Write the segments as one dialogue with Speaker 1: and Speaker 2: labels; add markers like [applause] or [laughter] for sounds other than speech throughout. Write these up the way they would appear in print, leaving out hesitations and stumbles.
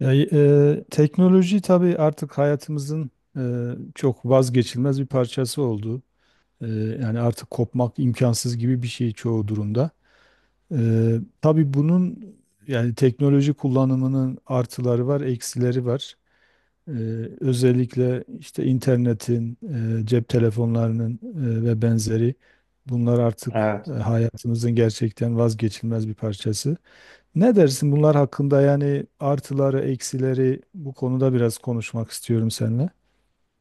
Speaker 1: Teknoloji tabii artık hayatımızın e, çok vazgeçilmez bir parçası oldu. E, Yani artık kopmak imkansız gibi bir şey çoğu durumda. E, tabii bunun yani teknoloji kullanımının artıları var, eksileri var. E, Özellikle işte internetin, cep telefonlarının ve benzeri, bunlar artık
Speaker 2: Evet,
Speaker 1: hayatımızın gerçekten vazgeçilmez bir parçası. Ne dersin bunlar hakkında? Yani artıları, eksileri, bu konuda biraz konuşmak istiyorum seninle.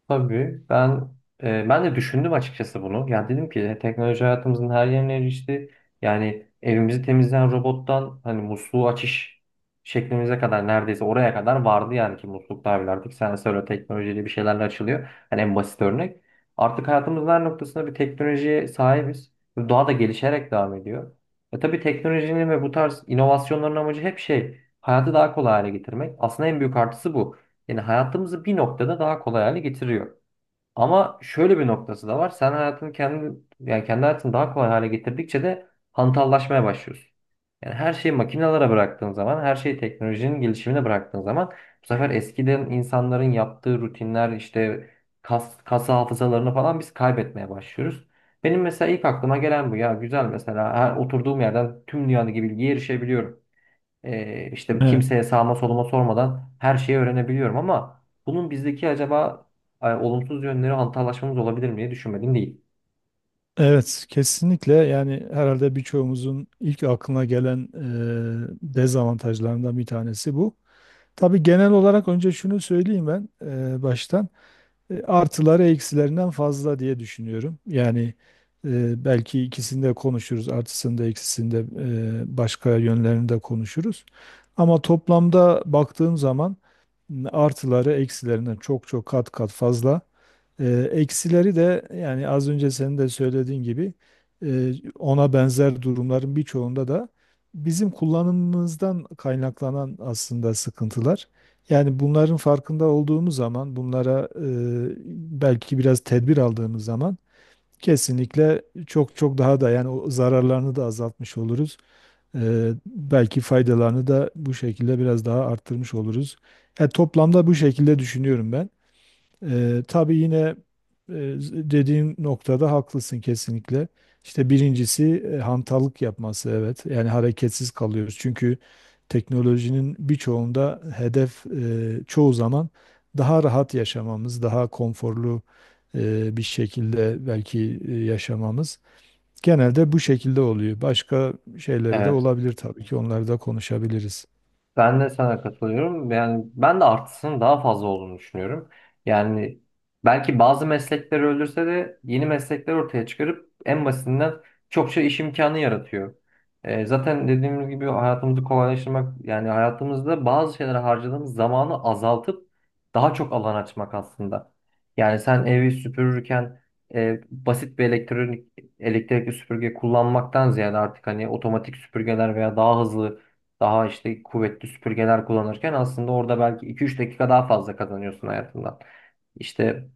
Speaker 2: tabii. Ben de düşündüm açıkçası bunu. Yani dedim ki teknoloji hayatımızın her yerine erişti. Yani evimizi temizleyen robottan hani musluğu açış şeklimize kadar neredeyse oraya kadar vardı yani ki musluklar bile artık sensörle teknolojiyle bir şeylerle açılıyor. Hani en basit örnek. Artık hayatımızın her noktasında bir teknolojiye sahibiz. Ve daha da gelişerek devam ediyor. Tabii teknolojinin ve bu tarz inovasyonların amacı hep şey hayatı daha kolay hale getirmek. Aslında en büyük artısı bu. Yani hayatımızı bir noktada daha kolay hale getiriyor. Ama şöyle bir noktası da var. Sen hayatını yani kendi hayatını daha kolay hale getirdikçe de hantallaşmaya başlıyorsun. Yani her şeyi makinelere bıraktığın zaman, her şeyi teknolojinin gelişimine bıraktığın zaman bu sefer eskiden insanların yaptığı rutinler işte kas hafızalarını falan biz kaybetmeye başlıyoruz. Benim mesela ilk aklıma gelen bu ya, güzel mesela her oturduğum yerden tüm dünyadaki bilgiye erişebiliyorum, işte
Speaker 1: Evet.
Speaker 2: kimseye sağma soluma sormadan her şeyi öğrenebiliyorum ama bunun bizdeki acaba olumsuz yönleri hantallaşmamız olabilir mi diye düşünmedim değil.
Speaker 1: Evet, kesinlikle yani herhalde birçoğumuzun ilk aklına gelen dezavantajlarından bir tanesi bu. Tabii genel olarak önce şunu söyleyeyim ben, baştan. Artıları eksilerinden fazla diye düşünüyorum. Yani belki ikisini de konuşuruz, artısını da eksisini de, başka yönlerini de konuşuruz. Ama toplamda baktığım zaman, artıları eksilerinden çok çok kat kat fazla. E, Eksileri de yani az önce senin de söylediğin gibi, e, ona benzer durumların birçoğunda da bizim kullanımımızdan kaynaklanan aslında sıkıntılar. Yani bunların farkında olduğumuz zaman, bunlara belki biraz tedbir aldığımız zaman kesinlikle çok çok daha da yani o zararlarını da azaltmış oluruz. Belki faydalarını da bu şekilde biraz daha arttırmış oluruz. Toplamda bu şekilde düşünüyorum ben. Tabii yine e, dediğin noktada haklısın kesinlikle. İşte birincisi hantallık yapması, evet. Yani hareketsiz kalıyoruz. Çünkü teknolojinin birçoğunda hedef, çoğu zaman daha rahat yaşamamız, daha konforlu bir şekilde belki yaşamamız. Genelde bu şekilde oluyor. Başka şeyleri de olabilir tabii ki. Onları da konuşabiliriz.
Speaker 2: Ben de sana katılıyorum. Yani ben de artısının daha fazla olduğunu düşünüyorum. Yani belki bazı meslekleri öldürse de yeni meslekler ortaya çıkarıp en basitinden çokça iş imkanı yaratıyor. Zaten dediğimiz gibi hayatımızı kolaylaştırmak, yani hayatımızda bazı şeylere harcadığımız zamanı azaltıp daha çok alan açmak aslında. Yani sen evi süpürürken basit bir elektrikli süpürge kullanmaktan ziyade artık hani otomatik süpürgeler veya daha hızlı, daha işte kuvvetli süpürgeler kullanırken aslında orada belki 2-3 dakika daha fazla kazanıyorsun hayatından. İşte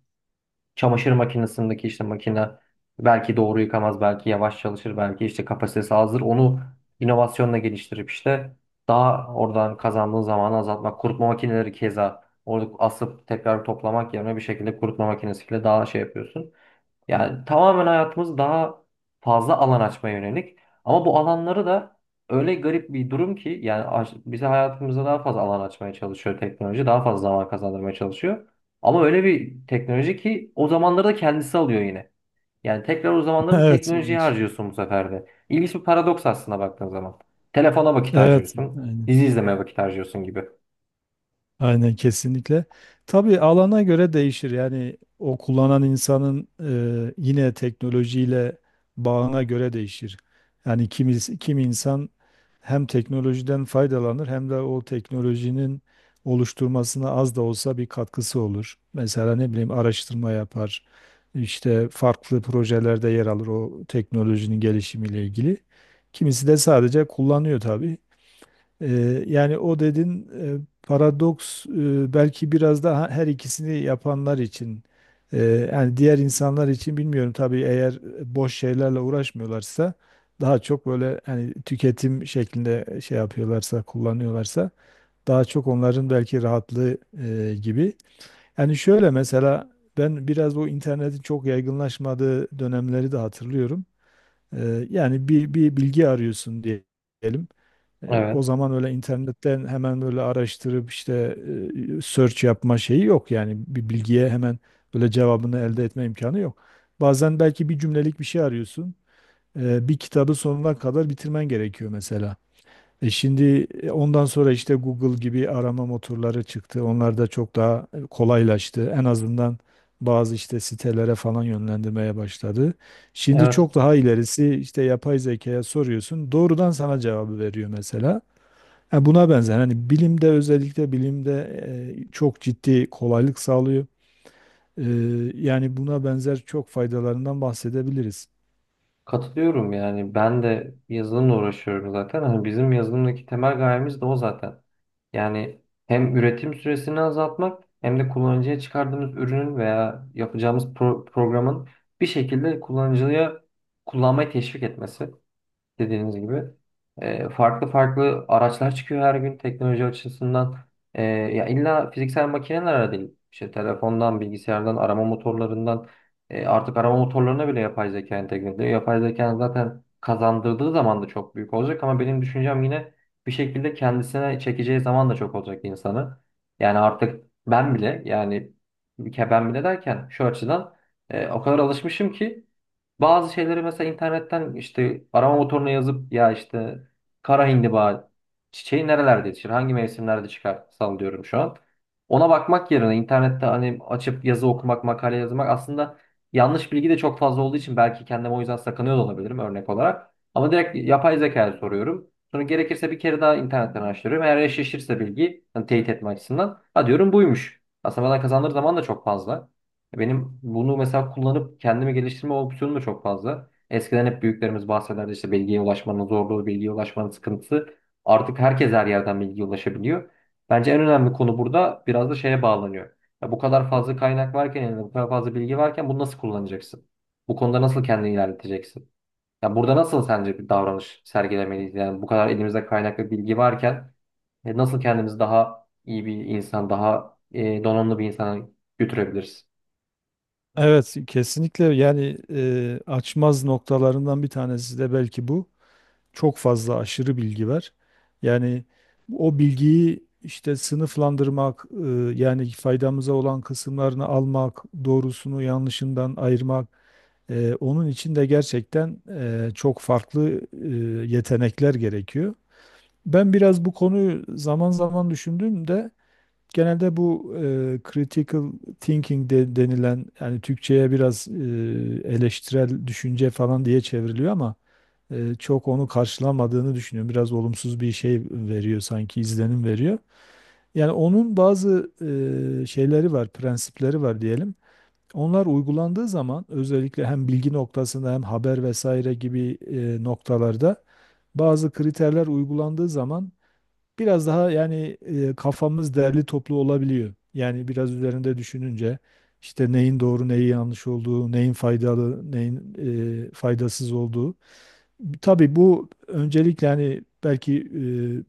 Speaker 2: çamaşır makinesindeki işte makine belki doğru yıkamaz, belki yavaş çalışır, belki işte kapasitesi azdır. Onu inovasyonla geliştirip işte daha oradan kazandığın zamanı azaltmak. Kurutma makineleri keza, orada asıp tekrar toplamak yerine bir şekilde kurutma makinesiyle daha şey yapıyorsun. Yani tamamen hayatımız daha fazla alan açmaya yönelik. Ama bu alanları da öyle garip bir durum ki yani bize hayatımıza daha fazla alan açmaya çalışıyor teknoloji. Daha fazla zaman kazandırmaya çalışıyor. Ama öyle bir teknoloji ki o zamanları da kendisi alıyor yine. Yani tekrar o
Speaker 1: [laughs]
Speaker 2: zamanları
Speaker 1: Evet,
Speaker 2: teknolojiye
Speaker 1: ilginç.
Speaker 2: harcıyorsun bu sefer de. İlginç bir paradoks aslında baktığın zaman. Telefona vakit
Speaker 1: Evet,
Speaker 2: harcıyorsun.
Speaker 1: aynen.
Speaker 2: Dizi izlemeye vakit harcıyorsun gibi.
Speaker 1: Aynen, kesinlikle. Tabii alana göre değişir. Yani o kullanan insanın yine teknolojiyle bağına göre değişir. Yani kimi insan hem teknolojiden faydalanır hem de o teknolojinin oluşturmasına az da olsa bir katkısı olur. Mesela ne bileyim, araştırma yapar, İşte farklı projelerde yer alır o teknolojinin gelişimiyle ilgili. Kimisi de sadece kullanıyor tabii. Yani o dedin, e, paradoks, belki biraz daha her ikisini yapanlar için, e, yani diğer insanlar için bilmiyorum tabii, eğer boş şeylerle uğraşmıyorlarsa, daha çok böyle hani tüketim şeklinde şey yapıyorlarsa, kullanıyorlarsa, daha çok onların belki rahatlığı gibi. Yani şöyle mesela ben biraz bu internetin çok yaygınlaşmadığı dönemleri de hatırlıyorum. Yani bir bilgi arıyorsun diyelim. O
Speaker 2: Evet.
Speaker 1: zaman öyle internetten hemen böyle araştırıp işte search yapma şeyi yok. Yani bir bilgiye hemen böyle cevabını elde etme imkanı yok. Bazen belki bir cümlelik bir şey arıyorsun. Bir kitabı sonuna kadar bitirmen gerekiyor mesela. Şimdi ondan sonra işte Google gibi arama motorları çıktı. Onlar da çok daha kolaylaştı. En azından bazı işte sitelere falan yönlendirmeye başladı. Şimdi
Speaker 2: Evet.
Speaker 1: çok daha ilerisi, işte yapay zekaya soruyorsun. Doğrudan sana cevabı veriyor mesela. Ha, buna benzer hani bilimde, özellikle bilimde çok ciddi kolaylık sağlıyor. E, Yani buna benzer çok faydalarından bahsedebiliriz.
Speaker 2: Katılıyorum, yani ben de yazılımla uğraşıyorum zaten. Hani bizim yazılımdaki temel gayemiz de o zaten. Yani hem üretim süresini azaltmak hem de kullanıcıya çıkardığımız ürünün veya yapacağımız programın bir şekilde kullanıcıya kullanmayı teşvik etmesi, dediğiniz gibi. Farklı farklı araçlar çıkıyor her gün teknoloji açısından. Ya illa fiziksel makineler değil. İşte telefondan, bilgisayardan, arama motorlarından, artık arama motorlarına bile yapay zeka entegre ediyor. Yapay zeka zaten kazandırdığı zaman da çok büyük olacak ama benim düşüncem yine bir şekilde kendisine çekeceği zaman da çok olacak insanı. Yani artık ben bile, yani ben bile derken şu açıdan o kadar alışmışım ki bazı şeyleri mesela internetten işte arama motoruna yazıp, ya işte kara hindiba çiçeği nerelerde yetişir, hangi mevsimlerde çıkar, sallıyorum şu an. Ona bakmak yerine internette hani açıp yazı okumak, makale yazmak aslında yanlış bilgi de çok fazla olduğu için belki kendim o yüzden sakınıyor da olabilirim örnek olarak. Ama direkt yapay zekaya soruyorum. Sonra gerekirse bir kere daha internetten araştırıyorum. Eğer eşleşirse bilgi, hani teyit etme açısından, ha diyorum buymuş. Aslında bana kazandığı zaman da çok fazla. Benim bunu mesela kullanıp kendimi geliştirme opsiyonum da çok fazla. Eskiden hep büyüklerimiz bahsederdi işte bilgiye ulaşmanın zorluğu, bilgiye ulaşmanın sıkıntısı. Artık herkes her yerden bilgiye ulaşabiliyor. Bence en önemli konu burada biraz da şeye bağlanıyor. Ya bu kadar fazla kaynak varken, yani bu kadar fazla bilgi varken bunu nasıl kullanacaksın? Bu konuda nasıl kendini ilerleteceksin? Ya burada nasıl sence bir davranış sergilemeliyiz? Yani bu kadar elimizde kaynak ve bilgi varken nasıl kendimizi daha iyi bir insan, daha donanımlı bir insana götürebiliriz?
Speaker 1: Evet kesinlikle, yani açmaz noktalarından bir tanesi de belki bu. Çok fazla aşırı bilgi var. Yani o bilgiyi işte sınıflandırmak, yani faydamıza olan kısımlarını almak, doğrusunu yanlışından ayırmak, onun için de gerçekten çok farklı yetenekler gerekiyor. Ben biraz bu konuyu zaman zaman düşündüğümde, genelde bu critical thinking de denilen, yani Türkçe'ye biraz eleştirel düşünce falan diye çevriliyor ama çok onu karşılamadığını düşünüyorum. Biraz olumsuz bir şey veriyor sanki, izlenim veriyor. Yani onun bazı şeyleri var, prensipleri var diyelim. Onlar uygulandığı zaman, özellikle hem bilgi noktasında hem haber vesaire gibi noktalarda, bazı kriterler uygulandığı zaman biraz daha yani kafamız derli toplu olabiliyor. Yani biraz üzerinde düşününce işte neyin doğru, neyin yanlış olduğu, neyin faydalı, neyin faydasız olduğu. Tabii bu öncelikle hani belki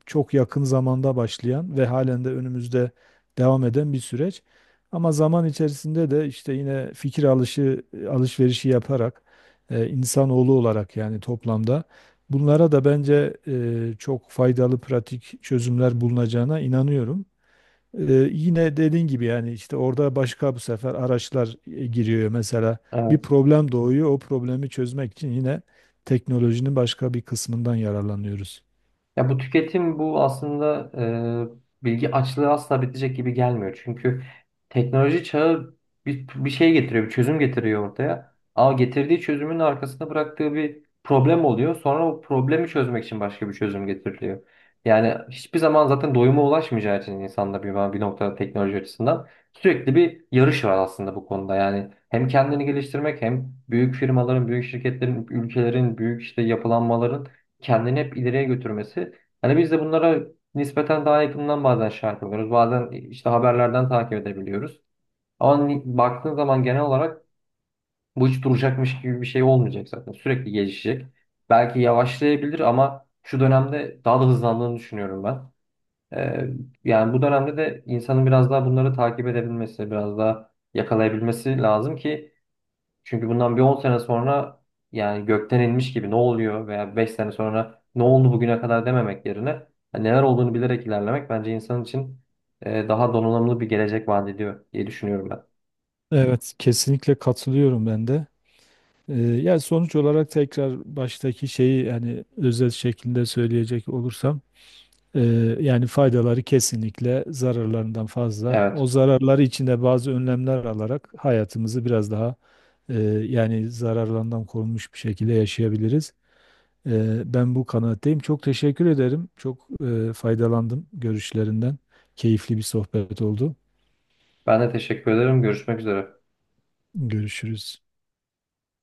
Speaker 1: çok yakın zamanda başlayan ve halen de önümüzde devam eden bir süreç. Ama zaman içerisinde de işte yine fikir alışı, alışverişi yaparak, insanoğlu olarak yani toplamda bunlara da bence çok faydalı pratik çözümler bulunacağına inanıyorum. Yine dediğin gibi yani işte orada başka bu sefer araçlar giriyor mesela, bir problem doğuyor, o problemi çözmek için yine teknolojinin başka bir kısmından yararlanıyoruz.
Speaker 2: Ya bu tüketim, bu aslında bilgi açlığı asla bitecek gibi gelmiyor. Çünkü teknoloji çağı bir şey getiriyor, bir çözüm getiriyor ortaya. Ama getirdiği çözümün arkasında bıraktığı bir problem oluyor. Sonra o problemi çözmek için başka bir çözüm getiriliyor. Yani hiçbir zaman zaten doyuma ulaşmayacağı için insanlar bir noktada teknoloji açısından sürekli bir yarış var aslında bu konuda. Yani hem kendini geliştirmek hem büyük firmaların, büyük şirketlerin, ülkelerin, büyük işte yapılanmaların kendini hep ileriye götürmesi. Hani biz de bunlara nispeten daha yakından bazen şahit oluyoruz. Bazen işte haberlerden takip edebiliyoruz. Ama baktığın zaman genel olarak bu hiç duracakmış gibi bir şey olmayacak zaten. Sürekli gelişecek. Belki yavaşlayabilir ama şu dönemde daha da hızlandığını düşünüyorum ben. Ee, Yani bu dönemde de insanın biraz daha bunları takip edebilmesi, biraz daha yakalayabilmesi lazım ki çünkü bundan bir 10 sene sonra yani gökten inmiş gibi ne oluyor veya 5 sene sonra ne oldu bugüne kadar dememek yerine hani neler olduğunu bilerek ilerlemek bence insan için daha donanımlı bir gelecek vaat ediyor diye düşünüyorum ben.
Speaker 1: Evet kesinlikle katılıyorum ben de. Yani sonuç olarak tekrar baştaki şeyi yani özet şeklinde söyleyecek olursam, Ee, yani faydaları kesinlikle zararlarından fazla.
Speaker 2: Evet.
Speaker 1: O zararları içinde bazı önlemler alarak hayatımızı biraz daha yani zararlarından korunmuş bir şekilde yaşayabiliriz. Ben bu kanaatteyim. Çok teşekkür ederim. Çok faydalandım görüşlerinden. Keyifli bir sohbet oldu.
Speaker 2: Ben de teşekkür ederim. Görüşmek üzere.
Speaker 1: Görüşürüz.